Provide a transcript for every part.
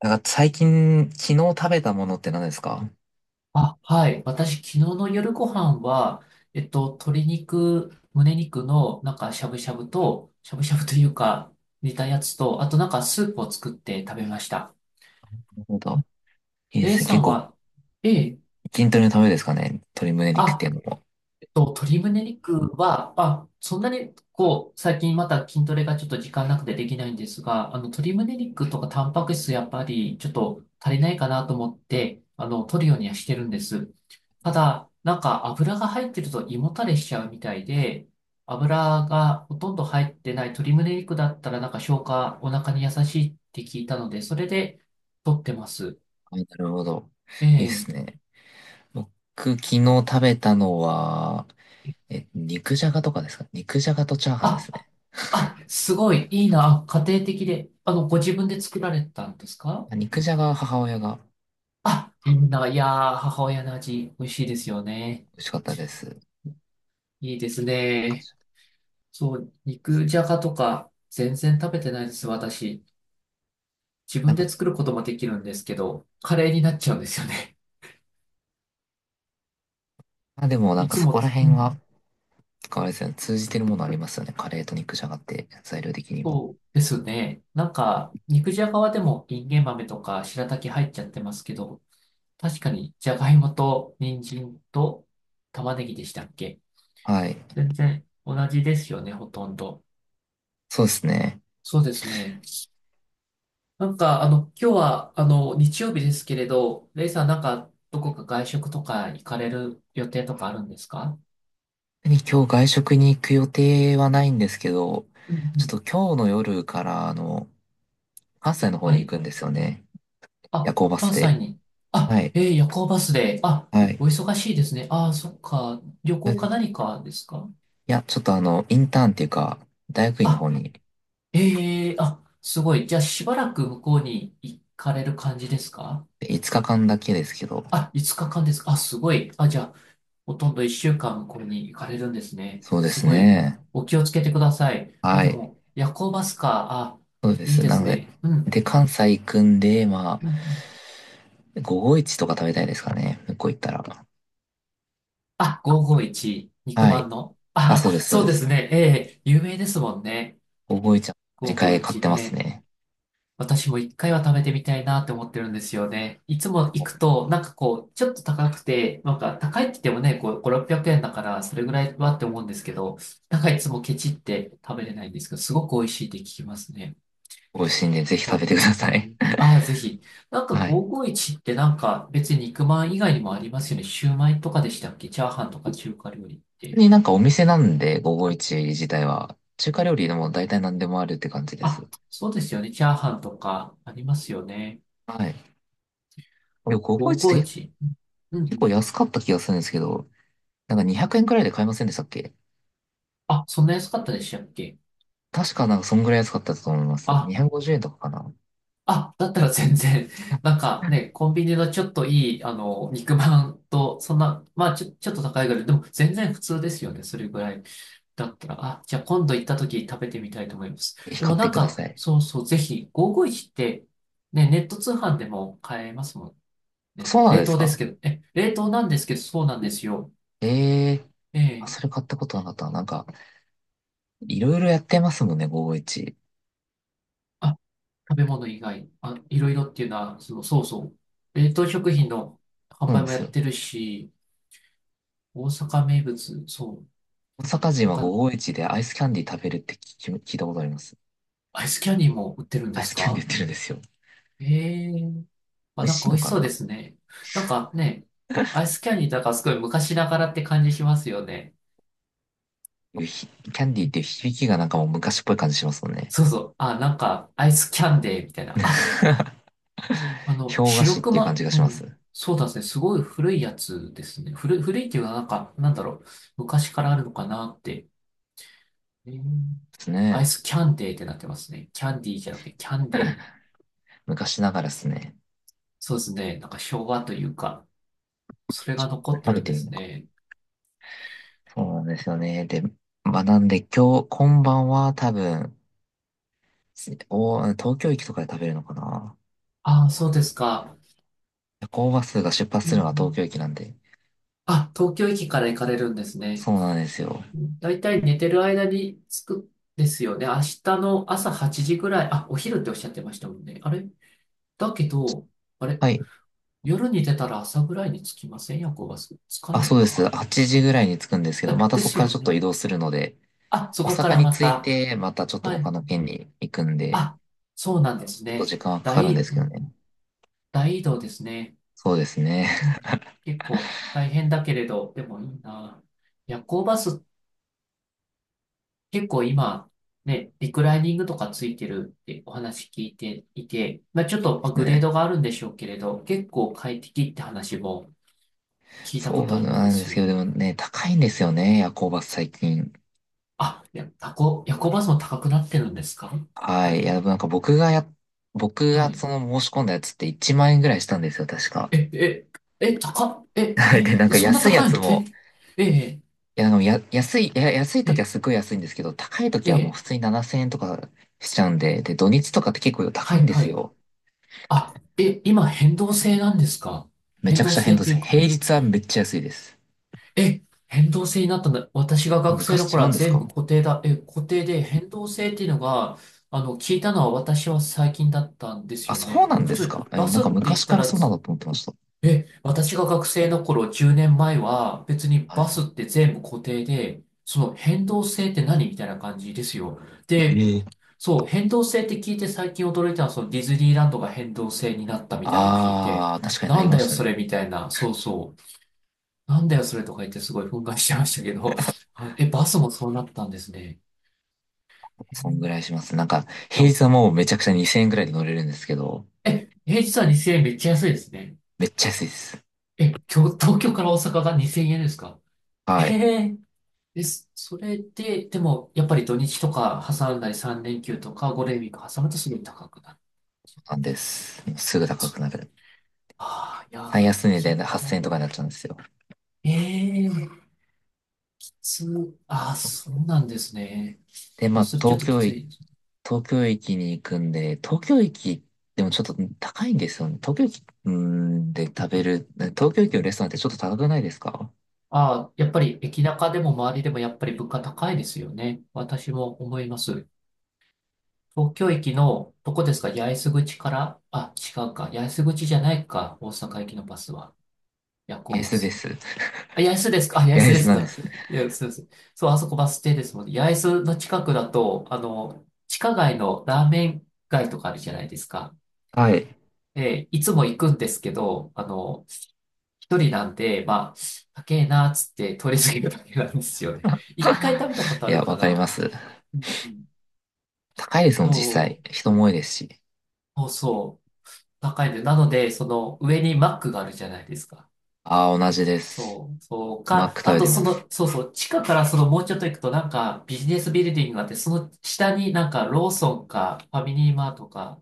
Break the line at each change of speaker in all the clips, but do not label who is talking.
なんか最近、昨日食べたものって何ですか？な
あ、はい。私、昨日の夜ご飯は、鶏肉、胸肉の、しゃぶしゃぶと、しゃぶしゃぶというか、煮たやつと、あとなんか、スープを作って食べました。
るほど。いいで
レイ
すね。
さ
結
ん
構、
は、ええ、
筋トレのためですかね。鶏胸肉って
あ、
いうのも。
鶏胸肉は、あ、そんなに、こう、最近また筋トレがちょっと時間なくてできないんですが、鶏胸肉とかタンパク質やっぱりちょっと足りないかなと思って、取るようにはしてるんです。ただ、なんか油が入ってると胃もたれしちゃうみたいで、油がほとんど入ってない鶏胸肉だったらなんか消化、お腹に優しいって聞いたので、それで取ってます。
あ、なるほど。いいで
え
す
え、
ね。僕、昨日食べたのは、肉じゃがとかですか？肉じゃがとチャーハンで
あ
すね。
あ、すごい、いいな、家庭的で。ご自分で作られたんですか？
あ、肉じゃがは母親が。
あ、いいな、いやー、母親の味、美味しいですよね。
美味しかったです。
いいですね。そう、肉じゃがとか、全然食べてないです、私。自
な
分
んか、
で作ることもできるんですけど、カレーになっちゃうんですよね。
まあ、でもなん
い
か
つ
そこ
も、
ら
う
辺は、
ん、
あれですね、通じてるものありますよね。カレーと肉じゃがって、材料的にも。
そうですね。なんか、肉じゃがはでも、インゲン豆とか、白滝入っちゃってますけど、確かに、じゃがいもと、人参と、玉ねぎでしたっけ？
はい。
全然同じですよね、ほとんど。
そうですね。
そうですね。なんか、今日は、日曜日ですけれど、レイさん、なんか、どこか外食とか行かれる予定とかあるんですか？
今日外食に行く予定はないんですけど、
うんう
ち
ん。
ょっと今日の夜から、あの、関西の方
は
に行
い。
くんですよね。夜
あ、
行バス
関西
で。
に。あ、
はい。
えー、夜行バスで。あ、
はい。
お忙しいですね。あー、そっか。旅
それ
行
で、い
か何かですか？
や、ちょっとあの、インターンっていうか、大学院の
あ、
方に。
えー、あ、すごい。じゃあ、しばらく向こうに行かれる感じですか？
5日間だけですけど、
あ、5日間ですか？あ、すごい。あ、じゃあ、ほとんど一週間これに行かれるんですね。
そうで
す
す
ごい、
ね。
お気をつけてください。あ、
は
で
い。
も、夜行バスか。あ、
そうで
いい
す。
で
な
す
ので、
ね。うん。
で、関西行くんで、ま
うんうん。
あ、午後一とか食べたいですかね。向こう行ったら。
あ、551、肉
は
まん
い。
の。
あ、
あ、
そうです、そう
そう
で
で
す。
すね。ええ、有名ですもんね。
午後一は毎回買っ
551
てます
ね。
ね。
私も一回は食べてみたいなって思ってるんですよね。いつも行くと、なんかこう、ちょっと高くて、なんか高いって言ってもね、こう、5、600円だから、それぐらいはって思うんですけど、なんかいつもケチって食べれないんですけど、すごく美味しいって聞きますね。
美味しいんで、ぜひ食べて
僕、
くだ
え
さい。
ー、ああ、ぜひ。なん か
はい。
551ってなんか別に肉まん以外にもありますよね。シューマイとかでしたっけ？チャーハンとか中華料理って。
になんかお店なんで、551自体は、中華料理でも大体何でもあるって感じで
あ、
す。
そうですよね。チャーハンとかありますよね。
はい。でも551って、結
551。うんう
結構
ん。
安かった気がするんですけど、なんか200円くえんくらいで買えませんでしたっけ？
あ、そんな安かったでしたっけ？
確かなんかそんぐらい安かったと思います。
あ、
250円とかかな。
あ、だったら全然、なんかね、コンビニのちょっといい、肉まんと、そんな、ちょっと高いぐらい、でも全然普通ですよね。それぐらいだったら、あ、じゃあ今度行った時食べてみたいと思います。
ぜひ
で
買
も
っ
な
て
ん
くだ
か、
さい。
そうそう、ぜひ、551って、ね、ネット通販でも買えますもんね。
そうなん
冷
です
凍です
か？
けど、え、冷凍なんですけど、そうなんですよ。
ええー。あ、
え
それ
え、
買ったことなかったな。なんか、いろいろやってますもんね、551。
あ、食べ物以外、あ、いろいろっていうのは、その、そうそう、冷凍食品の販
そうなん
売
で
もや
す
っ
よ。
てるし、大阪名物、そう、
大阪人
なん
は
か、
551でアイスキャンディー食べるって聞いたことあります。
アイスキャンディーも売ってるん
ア
で
イ
す
スキャンディ
か？
ー売ってるんですよ。
ええ、
美
あ、
味
なん
し
か
い
美
の
味し
か
そう
な。
ですね。なんかね、アイスキャンディーとかすごい昔ながらって感じしますよね。
キャンディーっていう響きがなんかもう昔っぽい感じしますもんね。
そうそう。あ、なんかアイスキャンデーみたいな。あ、
氷菓子
白
っていう感じ
熊、
がし
う
ます。
ん。
で
そうなんですね。すごい古いやつですね。古いっていうのはなんか、なんだろう。昔からあるのかなって。えー、
す
アイ
ね。
スキャンデーってなってますね。キャンディーじゃなくてキャンデーに。
昔ながらですね。
そうですね。なんか昭和というか、それ
ちょ
が
っと
残
これ
って
食
る
べ
ん
て
で
みる
す
のか。
ね。
そうなんですよね。で、まあなんで今日、今晩は多分、東京駅とかで食べるのかな。
ああ、そうですか。
夜行バスが出発
うん
す
う
るのが東京
ん、
駅なんで。
あ、東京駅から行かれるんですね。
そうなんですよ。
だいたい寝てる間に着くですよね。明日の朝8時ぐらい、あ、お昼っておっしゃってましたもんね。あれだけど、あれ
はい。
夜に出たら朝ぐらいに着きません？夜行バス。着か
あ、
な
そ
い
うです。
か。
8時ぐらいに着くんですけど、
え、
また
で
そこ
す
から
よ
ちょっと
ね。
移動するので、
あ、そ
大
こか
阪
ら
に
ま
着い
た。
て、またちょっと
は
他
い。
の県に行くんで、ち
あ、そうなんです
ょっと
ね。
時間はかかるん
大、
です
う
けど
ん、
ね。
大移動ですね。
そうですね。
うん、結構大変だけれど、でもいいな。夜行バスっ、結構今、ね、リクライニングとかついてるってお話聞いていて、まあ、ちょっと
で
まあ
す
グレー
ね。
ドがあるんでしょうけれど、結構快適って話も聞いた
そ
こと
う
あるんで
なんで
す
すけど、
よ。
でもね、高いんですよね、夜行バス最近。
あ、いや、タコ、夜行バスも高くなってるんですか、やっ
は
ぱ
い。いや、
り。
でもなんか僕がや、僕
は
が
い。
その申し込んだやつって1万円ぐらいしたんですよ、確か。
え、え、え、高っ、え、
はいで、なん
え、
か
そんな
安いや
高い
つ
の？
も、
え、え、
いや、でもや、安い、いや、安い
え、
時は
え、
すごい安いんですけど、高い時はもう
え、
普通に7000円とかしちゃうんで、で、土日とかって結構高
は
いん
い、
で
は
す
い。
よ。
あ、え、今変動制なんですか？
めち
変
ゃく
動
ちゃ
制
変
っ
動で
てい
す。
うか、
平日はめっちゃ安いです。
え、変動制になったんだ。私が学生の
昔違
頃
うん
は
です
全部
か？
固定だ。え、固定で変動制っていうのが、聞いたのは私は最近だったんです
あ、
よ
そう
ね。
な
で
ん
普
です
通、
か？
バ
なん
スっ
か
て言っ
昔か
た
ら
ら
そうなん
つ、
だと思ってました。
え、私が学生の頃10年前は別に
は
バ
い。
スって全部固定で、その変動制って何みたいな感じですよ。で、
ええ、
そう、変動制って聞いて最近驚いたのは、そのディズニーランドが変動制になったみたいなのを聞いて、
ああ、確かにな
な
り
ん
ま
だ
し
よ
た
それ
ね。
みたいな、そうそう。なんだよ、それとか言ってすごい憤慨してましたけど、はい、え、バスもそうなったんですね。え
そんぐ
ー、
らいします。なんか、平
だ、
日はもうめちゃくちゃ2000円ぐらいで乗れるんですけど、
え、平日は2000円めっちゃ安いですね。
めっちゃ安いです。
え、今日、東京から大阪が2000円ですか？ え
はい。
えです。それで、でも、やっぱり土日とか挟んだり3連休とか5連休挟むとすごい高くなる。
なんです。もうすぐ高くなる。
ああ、いや
最
ー、
安値
そ
で
っか。
8000円とかになっちゃうんですよ。
ええー、きつ、ああ、そうなんですね。
で、まあ、
それちょっときつい。
東京駅に行くんで、東京駅、でもちょっと高いんですよね。東京駅、うーん、で食べる、東京駅のレストランってちょっと高くないですか？
ああ、やっぱり駅中でも周りでもやっぱり物価高いですよね。私も思います。東京駅の、どこですか？八重洲口から、あ、違うか。八重洲口じゃないか。大阪駅のバスは。夜行バ
安で
ス。
す。
あ、八重洲ですか？あ、八重
や
洲
り
で
そう
す
なんで
か。
す。
いや、そうです。そう、あそこバス停ですもんね。八重洲の近くだと、地下街のラーメン街とかあるじゃないですか。
はい。
で、いつも行くんですけど、一人なんで、まあ、高えなーっつって通り過ぎるだけなんですよね。一回食べたこと
い
ある
や、わ
か
かり
な。
ます。
うんうん、
高いですもん、実
そ
際。人も多いですし。
う、そうそう、高いんで、なので、その上にマックがあるじゃないですか。
ああ、同じです。
そう、そう
マッ
か、
ク食
あ
べ
と
て
そ
ま
の、
す。
そうそう、地下からそのもうちょっと行くとなんかビジネスビルディングがあって、その下になんかローソンかファミリーマートか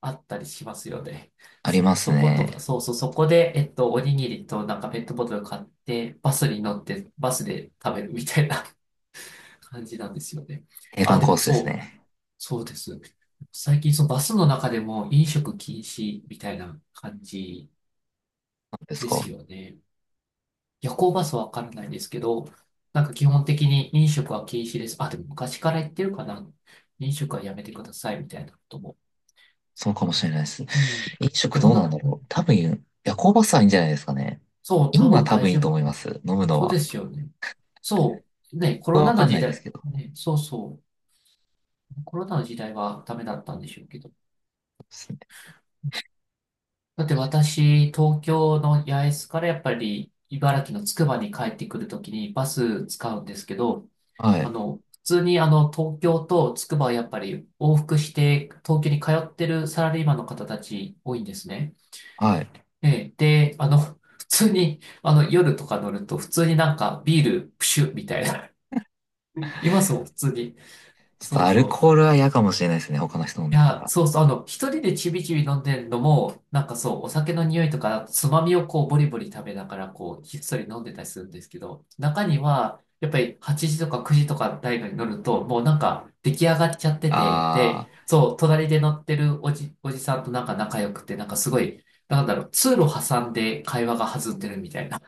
あったりしますよね。
あります
そことか、
ね。
そうそう、そこで、おにぎりとなんかペットボトル買って、バスに乗って、バスで食べるみたいな 感じなんですよね。
定番
あ、で
コー
も
スです
そう、
ね。
そうです。最近そのバスの中でも飲食禁止みたいな感じ
なんです
です
か？
よね。夜行バスはわからないんですけど、なんか基本的に飲食は禁止です。あ、でも昔から言ってるかな。飲食はやめてくださいみたいなことも。
そうかもしれないです。
うん。
飲食
でも
どうなん
な、
だ
う
ろう。
ん、
多分、夜行バスはいいんじゃないですかね。
そう、多
今は
分
多
大
分いい
丈
と
夫。
思います。飲むの
そう
は。
で
こ
すよね。そう。ね、コ
こ
ロ
はわ
ナ
か
の
ん
時
ないです
代、
けど。
ね、そうそう。コロナの時代はダメだったんでしょうけど。
そうですね。
だって私、東京の八重洲からやっぱり茨城のつくばに帰ってくるときにバス使うんですけど、
はい。
普通に東京と筑波はやっぱり往復して東京に通ってるサラリーマンの方たち多いんですね。
はい。
ええ、で、普通に、夜とか乗ると普通になんかビールプシュッみたいな、いますもん、普通に。
ちょっと
そう
アル
そう。
コールは嫌かもしれないですね。他の人飲ん
い
でた
や、
ら。
そうそう、一人でちびちび飲んでるのも、なんかそう、お酒の匂いとか、つまみをこう、ボリボリ食べながら、こう、ひっそり飲んでたりするんですけど、中には、やっぱり8時とか9時とか大学に乗ると、もうなんか、出来上がっちゃってて、
あ
で、
あ、
そう、隣で乗ってるおじさんとなんか仲良くて、なんかすごい、なんだろう、通路挟んで会話が弾んでるみたいな、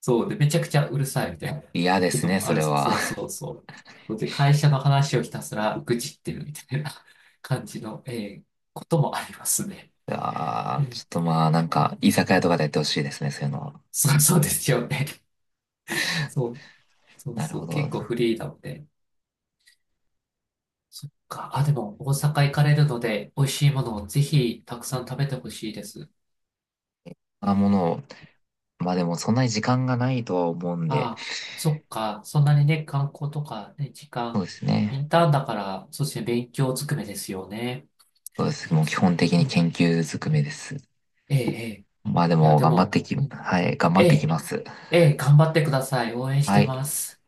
そう。で、めちゃくちゃうるさいみたいな
嫌で
こ
す
と
ね、
もあ
それ
る。
は。
そうそ うそう。で、会社の話をひたすら愚痴ってるみたいな感じの、えー、こともありますね。う
ああ、
ん、
ちょっとまあ、なんか、居酒屋とかでやってほしいですね、そういうのは。
そうそうですよね。そう、そう
なる
そ
ほ
う。結
ど。そ
構
ん
フリーなので。そっか。あ、でも、大阪行かれるので、美味しいものをぜひたくさん食べてほしいです。
なものを、まあでもそんなに時間がないとは思うんで、
あ、そっか。そんなにね、観光とかね、時
そう
間、
です
イ
ね。
ンターンだから、そうですね、勉強ずくめですよね。
そうです。もう基
確か
本
に。
的
う
に
ん。
研究ずくめです。
ええ、ええ。
まあで
いや、
も
で
頑張っ
も、
てき、
うん、
はい、頑張
え
ってき
え、
ます。
ええ、頑張ってください。応援し
は
て
い。
ます。